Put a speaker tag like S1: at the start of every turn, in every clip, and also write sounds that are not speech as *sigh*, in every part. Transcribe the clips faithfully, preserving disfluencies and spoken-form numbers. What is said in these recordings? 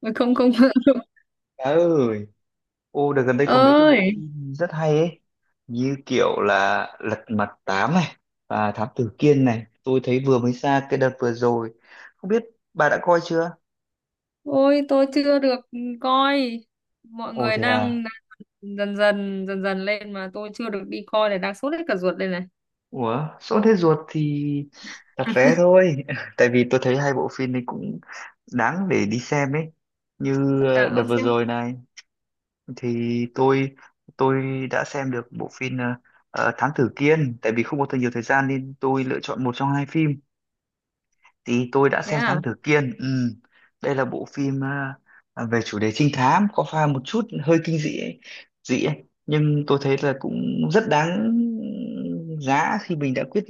S1: Mà không không *laughs*
S2: Trời ơi, ô đợt gần đây có mấy cái bộ
S1: ơi,
S2: phim rất hay ấy, như kiểu là Lật Mặt tám này và Thám Tử Kiên này, tôi thấy vừa mới ra cái đợt vừa rồi, không biết bà đã coi chưa?
S1: ôi tôi chưa được coi, mọi
S2: Ồ
S1: người
S2: thế à?
S1: đang đang dần dần dần dần lên mà tôi chưa được đi coi này, đang sốt hết cả ruột đây này.
S2: Ủa, sốt hết ruột thì đặt vé thôi, *laughs* tại vì tôi thấy hai bộ phim này cũng đáng để đi xem ấy, như ờ,
S1: À,
S2: đợt
S1: ông
S2: vừa
S1: xem?
S2: rồi này thì tôi tôi đã xem được bộ phim ờ, ờ, Thám Tử Kiên, tại vì không có thời nhiều thời gian nên tôi lựa chọn một trong hai phim thì tôi đã
S1: Thế
S2: xem
S1: à?
S2: Thám Tử Kiên. Ừm, đây là bộ phim à, à, về chủ đề trinh thám có pha một chút hơi kinh dị ấy, dị ấy. Nhưng tôi thấy là cũng rất đáng giá khi mình đã quyết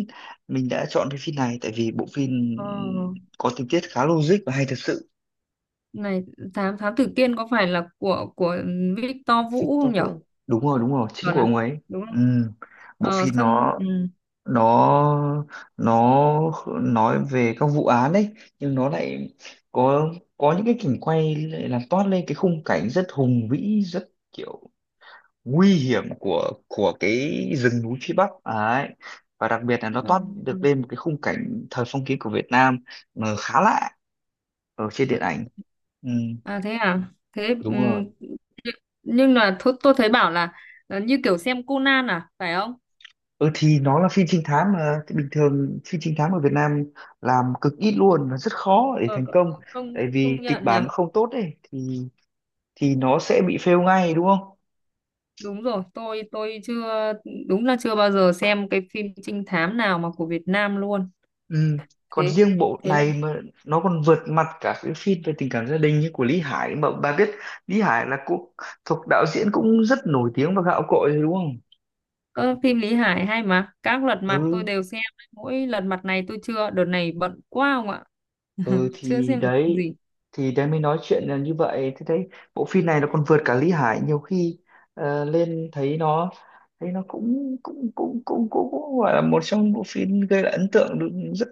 S2: mình đã chọn cái phim này tại vì bộ phim
S1: ờ,
S2: có tình tiết khá logic và hay thật sự.
S1: Này, thám thám tử Kiên có phải là của của Victor Vũ
S2: Victor
S1: không nhở?
S2: Vũ đúng rồi, đúng rồi, chính
S1: Chuẩn
S2: của
S1: à?
S2: ông ấy.
S1: Đúng không?
S2: Ừm, Bộ
S1: Ờ
S2: phim
S1: xong,
S2: nó
S1: ừ.
S2: nó nó nói về các vụ án đấy, nhưng nó lại có có những cái cảnh quay lại làm toát lên cái khung cảnh rất hùng vĩ, rất kiểu nguy hiểm của của cái rừng núi phía Bắc ấy, và đặc biệt là nó
S1: à,
S2: toát được lên một cái khung cảnh thời phong kiến của Việt Nam mà khá lạ ở trên điện ảnh. Ừ,
S1: à, Thế à? Thế, ừ.
S2: đúng rồi.
S1: Nhưng là thôi, tôi thấy bảo là, là như kiểu xem Conan à, phải không?
S2: Ừ thì nó là phim trinh thám mà. Thì bình thường phim trinh thám ở Việt Nam làm cực ít luôn và rất khó để
S1: ờ,
S2: thành công,
S1: công
S2: tại
S1: công
S2: vì kịch
S1: nhận nhỉ.
S2: bản nó không tốt ấy thì thì nó sẽ bị fail ngay, đúng không?
S1: Đúng rồi. Tôi tôi chưa, đúng là chưa bao giờ xem cái phim trinh thám nào mà của Việt Nam luôn.
S2: Ừ. Còn
S1: thế
S2: riêng bộ
S1: thế là
S2: này mà nó còn vượt mặt cả cái phim về tình cảm gia đình như của Lý Hải mà bà biết. Lý Hải là cũng thuộc đạo diễn cũng rất nổi tiếng và gạo cội rồi, đúng không?
S1: ơ, phim Lý Hải hay mà, các lật mặt tôi
S2: Ừ.
S1: đều xem, mỗi lật mặt này tôi chưa, đợt này bận quá không ạ.
S2: Ừ
S1: *laughs* Chưa
S2: thì
S1: xem được phim
S2: đấy,
S1: gì.
S2: thì đấy mới nói chuyện là như vậy, thế đấy. Bộ phim này nó còn vượt cả Lý Hải nhiều khi, ờ, lên thấy nó, thấy nó cũng cũng cũng cũng cũng, cũng gọi là một trong bộ phim gây lại ấn tượng được rất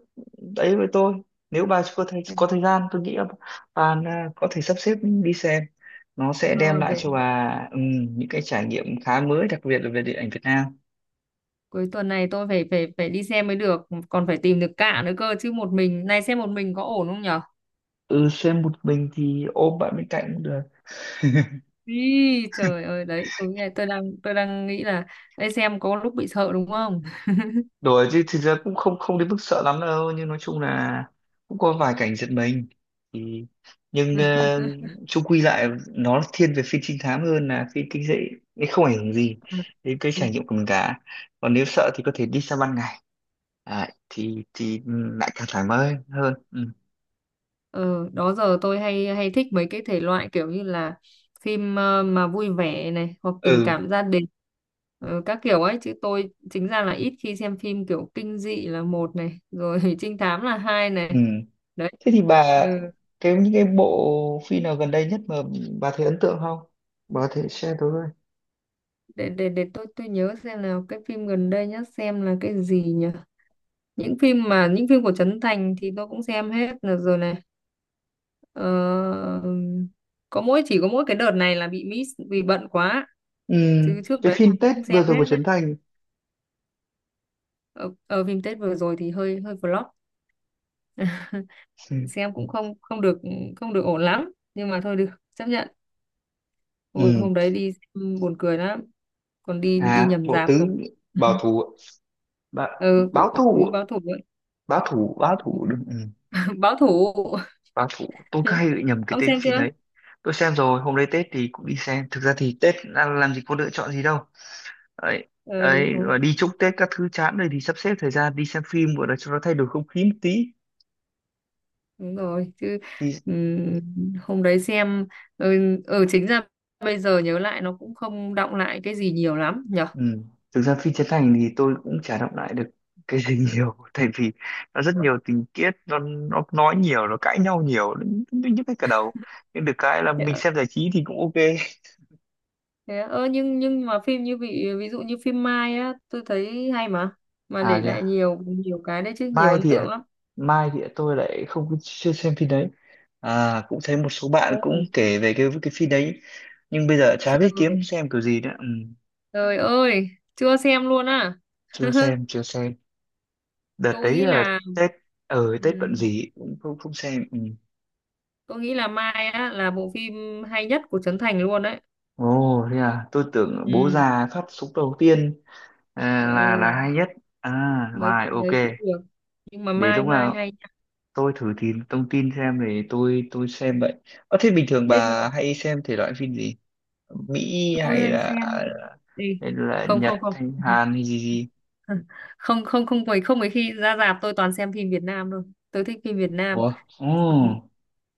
S2: đấy với tôi. Nếu bà có thời,
S1: Đấy.
S2: có thời gian tôi nghĩ là bà là có thể sắp xếp đi xem, nó sẽ đem
S1: ờ,
S2: lại
S1: để
S2: cho bà ừm, những cái trải nghiệm khá mới, đặc biệt là về điện ảnh Việt Nam.
S1: cuối tuần này tôi phải phải phải đi xem mới được, còn phải tìm được cả nữa cơ chứ, một mình này, xem một mình có ổn không nhở?
S2: Ừ, xem một mình thì ôm bạn bên cạnh cũng được.
S1: Ý, trời ơi, đấy tôi nghe, tôi đang tôi đang nghĩ là đây xem có lúc bị sợ đúng không.
S2: Đùa chứ thực ra cũng không không đến mức sợ lắm đâu, nhưng nói chung là cũng có vài cảnh giật mình thì, nhưng ờ, chung quy lại nó thiên về phim trinh thám hơn là phim kinh dị, nên không ảnh hưởng gì
S1: *laughs*
S2: đến cái trải nghiệm của mình cả. Còn nếu sợ thì có thể đi sang ban ngày. Đấy, thì thì ừ, lại càng thoải mái hơn. Ừ.
S1: Ừ, đó giờ tôi hay hay thích mấy cái thể loại kiểu như là phim ờ, mà vui vẻ này, hoặc tình
S2: Ừ,
S1: cảm gia đình, ờ, các kiểu ấy, chứ tôi chính ra là ít khi xem phim kiểu kinh dị là một này rồi, *laughs* trinh thám là hai
S2: ừ,
S1: này. Đấy.
S2: thế thì bà
S1: ừ,
S2: cái những cái bộ phim nào gần đây nhất mà bà thấy ấn tượng không, bà có thể share tôi với.
S1: để để để tôi tôi nhớ xem nào, cái phim gần đây nhất xem là cái gì nhỉ? Những phim mà những phim của Trấn Thành thì tôi cũng xem hết là rồi này. ờ, có mỗi, chỉ có mỗi cái đợt này là bị miss vì bận quá,
S2: Ừ,
S1: chứ trước
S2: cái
S1: đấy là
S2: phim Tết
S1: cũng
S2: vừa
S1: xem
S2: rồi
S1: hết
S2: của
S1: đấy.
S2: Trấn Thành.
S1: Ở, ở Phim Tết vừa rồi thì hơi hơi flop,
S2: Ừ.
S1: xem cũng không không được, không được ổn lắm, nhưng mà thôi được, chấp nhận. Ôi,
S2: Ừ.
S1: hôm đấy đi xem buồn cười lắm, còn đi đi
S2: À,
S1: nhầm
S2: bộ
S1: rạp
S2: tứ
S1: không.
S2: bảo
S1: *laughs*
S2: thủ. Ba,
S1: Ừ,
S2: báo
S1: bộ tứ
S2: thủ,
S1: báo thủ ấy.
S2: báo thủ, báo thủ, đúng. Ừ.
S1: *laughs* Báo thủ.
S2: Báo thủ tôi cứ
S1: *laughs*
S2: hay bị nhầm cái
S1: Ông
S2: tên
S1: xem
S2: phim
S1: chưa?
S2: đấy. Tôi xem rồi, hôm nay Tết thì cũng đi xem. Thực ra thì Tết làm, làm gì có lựa chọn gì đâu ấy.
S1: ờ, Đúng
S2: Ấy
S1: rồi,
S2: rồi, đi chúc Tết các thứ chán rồi thì sắp xếp thời gian đi xem phim gọi là cho nó thay đổi không khí một tí
S1: đúng rồi chứ.
S2: thì.
S1: Ừm, hôm đấy xem, ở ừ, ừ, chính ra bây giờ nhớ lại nó cũng không đọng lại cái gì nhiều lắm nhở.
S2: Ừ. Thực ra phim Trấn Thành thì tôi cũng chả đọc lại được cái gì *laughs* nhiều, tại vì nó rất nhiều tình tiết, nó, nó nói nhiều, nó cãi nhau nhiều, những nhức hết cả đầu, nhưng được cái là mình
S1: Dạ.
S2: xem giải trí thì cũng ok.
S1: Thế á? Ơ nhưng nhưng mà phim như vị ví dụ như phim Mai á, tôi thấy hay mà mà
S2: À
S1: để
S2: kìa,
S1: lại nhiều, nhiều cái đấy chứ, nhiều
S2: mai
S1: ấn
S2: thì ạ-
S1: tượng lắm.
S2: mai thì ạ, tôi lại không có- chưa xem phim đấy. À, cũng thấy một số bạn cũng
S1: Đúng.
S2: kể về cái cái phim đấy, nhưng bây giờ chả biết
S1: trời,
S2: kiếm xem kiểu gì nữa. Ừ.
S1: Trời ơi, chưa xem luôn á.
S2: Chưa
S1: *laughs*
S2: xem, chưa xem. Đợt
S1: tôi
S2: đấy
S1: nghĩ
S2: là
S1: là
S2: Tết, ở Tết bận
S1: ừm,
S2: gì cũng không không xem. Ừ.
S1: tôi nghĩ là Mai á là bộ phim hay nhất của Trấn Thành luôn đấy.
S2: Ồ, thế à, tôi tưởng bố
S1: ừ,
S2: già phát súng đầu tiên à, là là
S1: ừ,
S2: hay nhất. À,
S1: Mấy
S2: rồi,
S1: phim
S2: ok.
S1: đấy cũng được, nhưng mà
S2: Để
S1: Mai
S2: lúc
S1: Mai
S2: nào
S1: hay nha.
S2: tôi thử tìm thông tin xem để tôi tôi xem vậy. Ờ, thế bình thường
S1: Bây
S2: bà
S1: giờ
S2: hay xem thể loại phim gì? Mỹ
S1: tôi
S2: hay
S1: hay
S2: là,
S1: xem, đi,
S2: hay là
S1: không không
S2: Nhật,
S1: không,
S2: hay Hàn, hay gì gì?
S1: không không không mấy, không mấy khi ra rạp, tôi toàn xem phim Việt Nam thôi. Tôi thích phim Việt Nam.
S2: Ủa?
S1: Ừ.
S2: Ồ.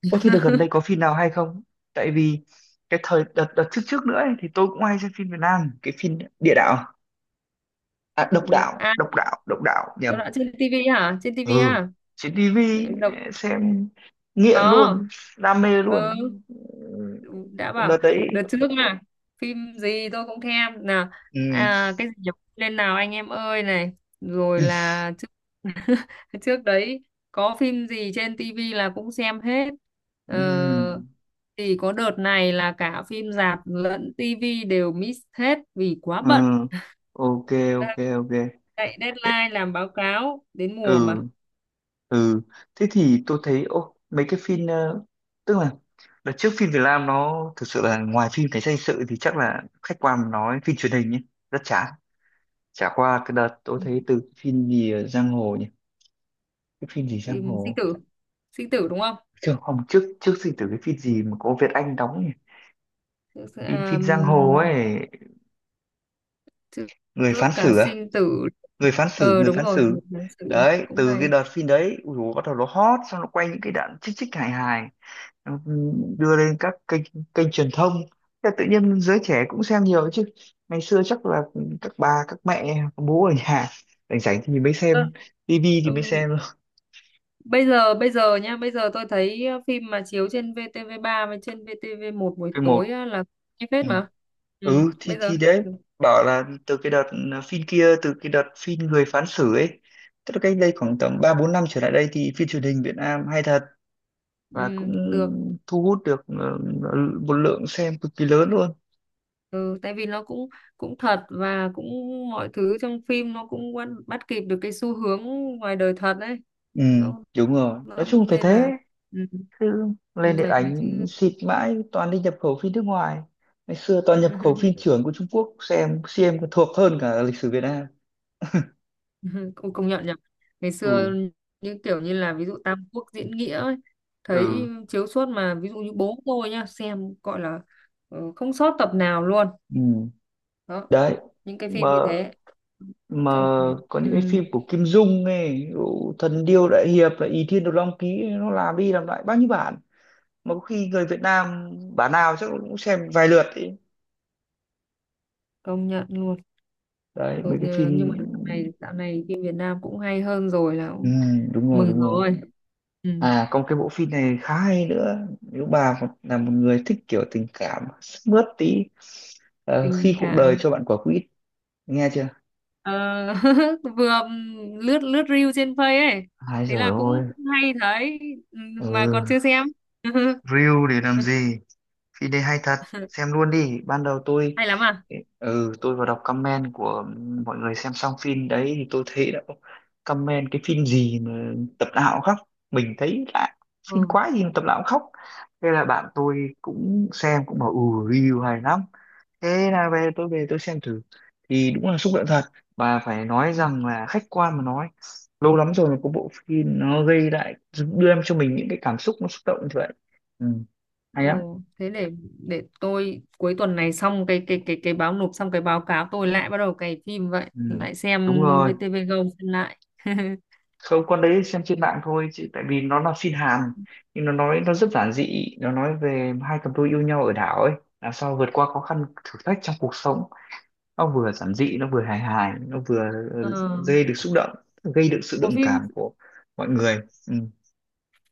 S2: Ồ, thế đợt gần đây có phim nào hay không? Tại vì cái thời đợt, đợt trước trước nữa ấy, thì tôi cũng hay xem phim Việt Nam, cái phim Địa Đạo, à
S1: Ừ.
S2: Độc Đạo,
S1: À,
S2: Độc Đạo, Độc Đạo, nhầm.
S1: chỗ đó trên tivi hả, trên tivi
S2: Ừ,
S1: à?
S2: trên
S1: Ừ,
S2: tivi
S1: đọc,
S2: xem nghiện
S1: có.
S2: luôn, đam mê
S1: Ừ,
S2: luôn.
S1: đã
S2: Ừ, đợt
S1: bảo,
S2: đấy.
S1: đợt trước mà phim gì tôi cũng thèm nào.
S2: Ừ.
S1: À, cái gì nhỉ? Lên nào anh em ơi này, rồi
S2: Ừ.
S1: là trước. *laughs* Trước đấy có phim gì trên tivi là cũng xem hết. ờ,
S2: Ừ.
S1: thì có đợt này là cả phim rạp lẫn tivi đều miss hết vì quá
S2: Ừ.
S1: bận,
S2: Ok, ok,
S1: đang
S2: ok.
S1: chạy
S2: Thế,
S1: deadline làm báo cáo đến mùa
S2: ừ,
S1: mà.
S2: ừ, thế thì tôi thấy ô mấy cái phim, ờ, tức là đợt trước phim Việt Nam nó thực sự là, ngoài phim cảnh sát hình sự thì chắc là khách quan mà nói phim truyền hình nhé, rất chán. Chả qua cái đợt tôi thấy từ phim gì ở giang hồ nhỉ, cái phim gì giang
S1: Phim sinh
S2: hồ.
S1: tử, sinh tử đúng không?
S2: Chứ không, trước, trước sinh tử cái phim gì mà có Việt Anh đóng nhỉ, phim
S1: À,
S2: phim giang hồ ấy.
S1: Trước
S2: Người
S1: trước
S2: phán
S1: cả
S2: xử à?
S1: sinh tử.
S2: Người phán xử,
S1: Ờ,
S2: người
S1: đúng
S2: phán
S1: rồi.
S2: xử.
S1: Tháng sử
S2: Đấy,
S1: cũng
S2: từ cái
S1: hay.
S2: đợt phim đấy ui dồi, bắt đầu nó hot, xong nó quay những cái đoạn chích chích hài hài, nó đưa lên các kênh, kênh truyền thông. Thế tự nhiên giới trẻ cũng xem nhiều chứ ngày xưa chắc là các bà, các mẹ, các bố ở nhà rảnh rảnh thì mới
S1: Ờ,
S2: xem tivi, thì mới
S1: Ừm,
S2: xem thôi.
S1: Bây giờ bây giờ nha. Bây giờ tôi thấy ờ, phim mà chiếu trên vê tê vê ba với trên vê tê vê một buổi
S2: Cái
S1: tối
S2: một,
S1: á, là hay phết mà. ừ,
S2: ừ thì
S1: Bây giờ,
S2: thì đấy, bảo là từ cái đợt à, phim kia, từ cái đợt phim người phán xử ấy, tức là cách đây khoảng tầm ba bốn năm trở lại đây thì phim truyền hình Việt Nam hay thật và cũng
S1: ừ, được,
S2: thu hút được ờ, ờ, một lượng xem cực kỳ lớn luôn.
S1: ừ, tại vì nó cũng cũng thật, và cũng mọi thứ trong phim, nó cũng bắt, bắt kịp được cái xu hướng ngoài đời thật đấy.
S2: Ừ,
S1: Nó,
S2: đúng rồi, nói
S1: nó
S2: chung phải
S1: nên
S2: thế.
S1: là, ừ,
S2: Cứ
S1: ừ,
S2: lên điện
S1: phải thế
S2: ảnh
S1: chứ.
S2: xịt mãi, toàn đi nhập khẩu phim nước ngoài. Ngày xưa toàn nhập khẩu phim
S1: *laughs*
S2: chưởng của Trung Quốc, xem xem còn thuộc hơn cả lịch sử Việt Nam.
S1: *laughs* Cũng công nhận nhỉ. Ngày
S2: Ừ,
S1: xưa như kiểu như là ví dụ Tam Quốc diễn nghĩa ấy,
S2: ừ,
S1: thấy chiếu suốt mà, ví dụ như bố tôi nhá, xem gọi là ờ, không sót tập nào luôn.
S2: ừ.
S1: Đó,
S2: Đấy,
S1: những cái
S2: mà
S1: phim như thế.
S2: mà
S1: Xong,
S2: có
S1: ừ,
S2: những cái phim của Kim Dung ấy, ví dụ Thần Điêu Đại Hiệp là Ỷ Thiên Đồ Long Ký ấy, nó làm đi làm lại bao nhiêu bản mà có khi người Việt Nam bản nào chắc cũng xem vài lượt ấy.
S1: công nhận luôn.
S2: Đấy
S1: Rồi,
S2: mấy cái
S1: nhờ- nhưng
S2: phim.
S1: mà dạo này, dạo này phim Việt Nam cũng hay hơn rồi là
S2: Ừ,
S1: cũng
S2: đúng rồi,
S1: mừng
S2: đúng rồi.
S1: rồi. ừ,
S2: À còn cái bộ phim này khá hay nữa, nếu bà một- là một người thích kiểu tình cảm sức mướt tí, ờ, khi
S1: Tình
S2: cuộc đời
S1: cảm.
S2: cho bạn quả quýt, nghe chưa?
S1: Ờ, *laughs* vừa lướt lướt reel trên Face ấy,
S2: Ai
S1: thế
S2: rồi
S1: là cũng
S2: ôi.
S1: cũng hay thấy. Ừ, mà còn
S2: Ừ,
S1: chưa xem. *laughs*
S2: reel để làm gì, phim đây hay thật,
S1: *laughs*
S2: xem luôn đi. Ban đầu tôi,
S1: Hay lắm à?
S2: ừ, tôi vào đọc comment của mọi người xem xong phim đấy thì tôi thấy đã có comment cái phim gì mà tập nào cũng khóc, mình thấy lạ, phim
S1: Ừ.
S2: quá gì mà tập nào cũng khóc. Thế là bạn tôi cũng xem cũng bảo ừ, review hay lắm. Thế là về tôi về tôi xem thử thì đúng là xúc động thật, và phải nói rằng là khách quan mà nói, lâu lắm rồi mà có bộ phim nó gây lại đưa em cho mình những cái cảm xúc nó xúc động như vậy. Ừ. Hay
S1: Ừ.
S2: lắm.
S1: Thế để để tôi cuối tuần này, xong cái cái cái cái báo, nộp xong cái báo cáo, tôi lại bắt đầu cày phim vậy,
S2: Ừ,
S1: lại
S2: đúng
S1: xem
S2: rồi,
S1: vê tê vê Go xem lại. *laughs*
S2: không con đấy xem trên mạng thôi chứ tại vì nó là phim Hàn, nhưng nó nói, nó rất giản dị, nó nói về hai cặp đôi yêu nhau ở đảo ấy, làm sao vượt qua khó khăn thử thách trong cuộc sống, nó vừa giản dị, nó vừa hài hài, nó vừa
S1: ờ.
S2: ừ, gây được xúc động, gây được sự
S1: Bộ
S2: đồng
S1: phim
S2: cảm của mọi người. Ừ.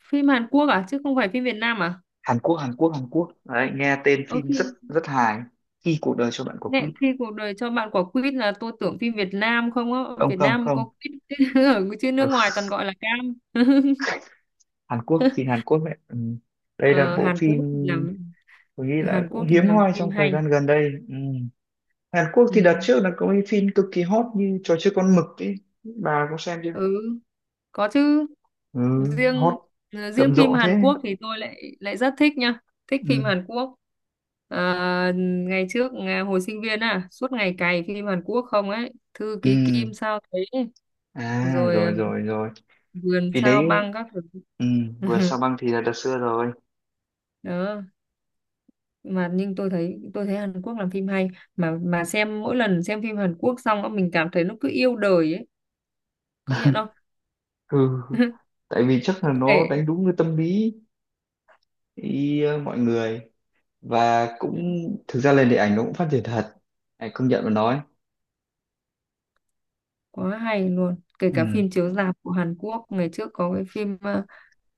S1: phim Hàn Quốc à, chứ không phải phim Việt Nam à?
S2: Hàn Quốc, Hàn Quốc, Hàn Quốc, đấy, nghe tên
S1: Ờ,
S2: phim rất
S1: khi,
S2: rất hài, khi cuộc đời cho bạn quả
S1: mẹ,
S2: quýt.
S1: khi cuộc đời cho bạn quả quýt là tôi tưởng phim Việt Nam không á.
S2: Không,
S1: Việt
S2: không,
S1: Nam mới
S2: không.
S1: có quýt, *laughs* chứ ở chứ nước
S2: Ừ.
S1: ngoài toàn gọi là cam. *laughs*
S2: Hàn Quốc, phim Hàn Quốc ấy. Ừ. Đây là
S1: ờ,
S2: bộ
S1: Hàn Quốc
S2: phim
S1: thì làm,
S2: tôi nghĩ là
S1: Hàn Quốc
S2: cũng
S1: thì
S2: hiếm
S1: làm
S2: hoi
S1: phim
S2: trong thời
S1: hay.
S2: gian gần đây. Ừ. Hàn Quốc
S1: Ừ.
S2: thì đợt trước là có cái phim cực kỳ hot như trò chơi con mực ấy, bà có xem chưa?
S1: Ừ, có chứ.
S2: Ừ, hot
S1: Riêng ờ, riêng
S2: rầm
S1: phim
S2: rộ thế.
S1: Hàn Quốc thì tôi lại lại rất thích nha, thích
S2: Ừ.
S1: phim Hàn Quốc. À, ngày trước à, hồi sinh viên à suốt ngày cày phim Hàn Quốc không ấy, Thư
S2: Ừ.
S1: ký Kim sao thế.
S2: À
S1: Rồi à,
S2: rồi, rồi, rồi.
S1: vườn
S2: Vì
S1: sao
S2: đấy.
S1: băng các thứ.
S2: Ừ. Vườn
S1: *laughs*
S2: sao băng thì là đợt xưa rồi.
S1: Đó, mà nhưng tôi thấy tôi thấy Hàn Quốc làm phim hay, mà mà xem, mỗi lần xem phim Hàn Quốc xong á, mình cảm thấy nó cứ yêu đời ấy, công nhận
S2: *laughs*
S1: không?
S2: Ừ.
S1: *laughs*
S2: Tại vì chắc là
S1: Kệ.
S2: nó đánh đúng cái tâm lý ý, ờ, mọi người, và cũng thực ra lên điện ảnh nó cũng phát triển thật. Này, công nhận mà nói.
S1: Quá hay luôn, kể cả
S2: Ừ.
S1: phim chiếu rạp của Hàn Quốc, ngày trước có cái phim ờ,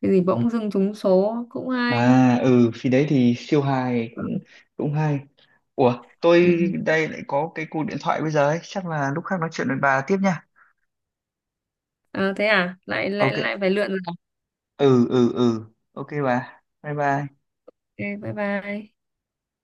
S1: cái gì bỗng dưng trúng số cũng hay.
S2: À ừ, phim đấy thì siêu hài, cũng cũng hay. Ủa,
S1: Ừ.
S2: tôi đây lại có cái cuộc điện thoại bây giờ ấy, chắc là lúc khác nói chuyện với bà tiếp nha.
S1: À, thế à? Lại lại
S2: Ok.
S1: Lại phải lượn rồi à?
S2: Ừ, ừ, ừ. Ok bà. Bye bye.
S1: Ok, bye bye.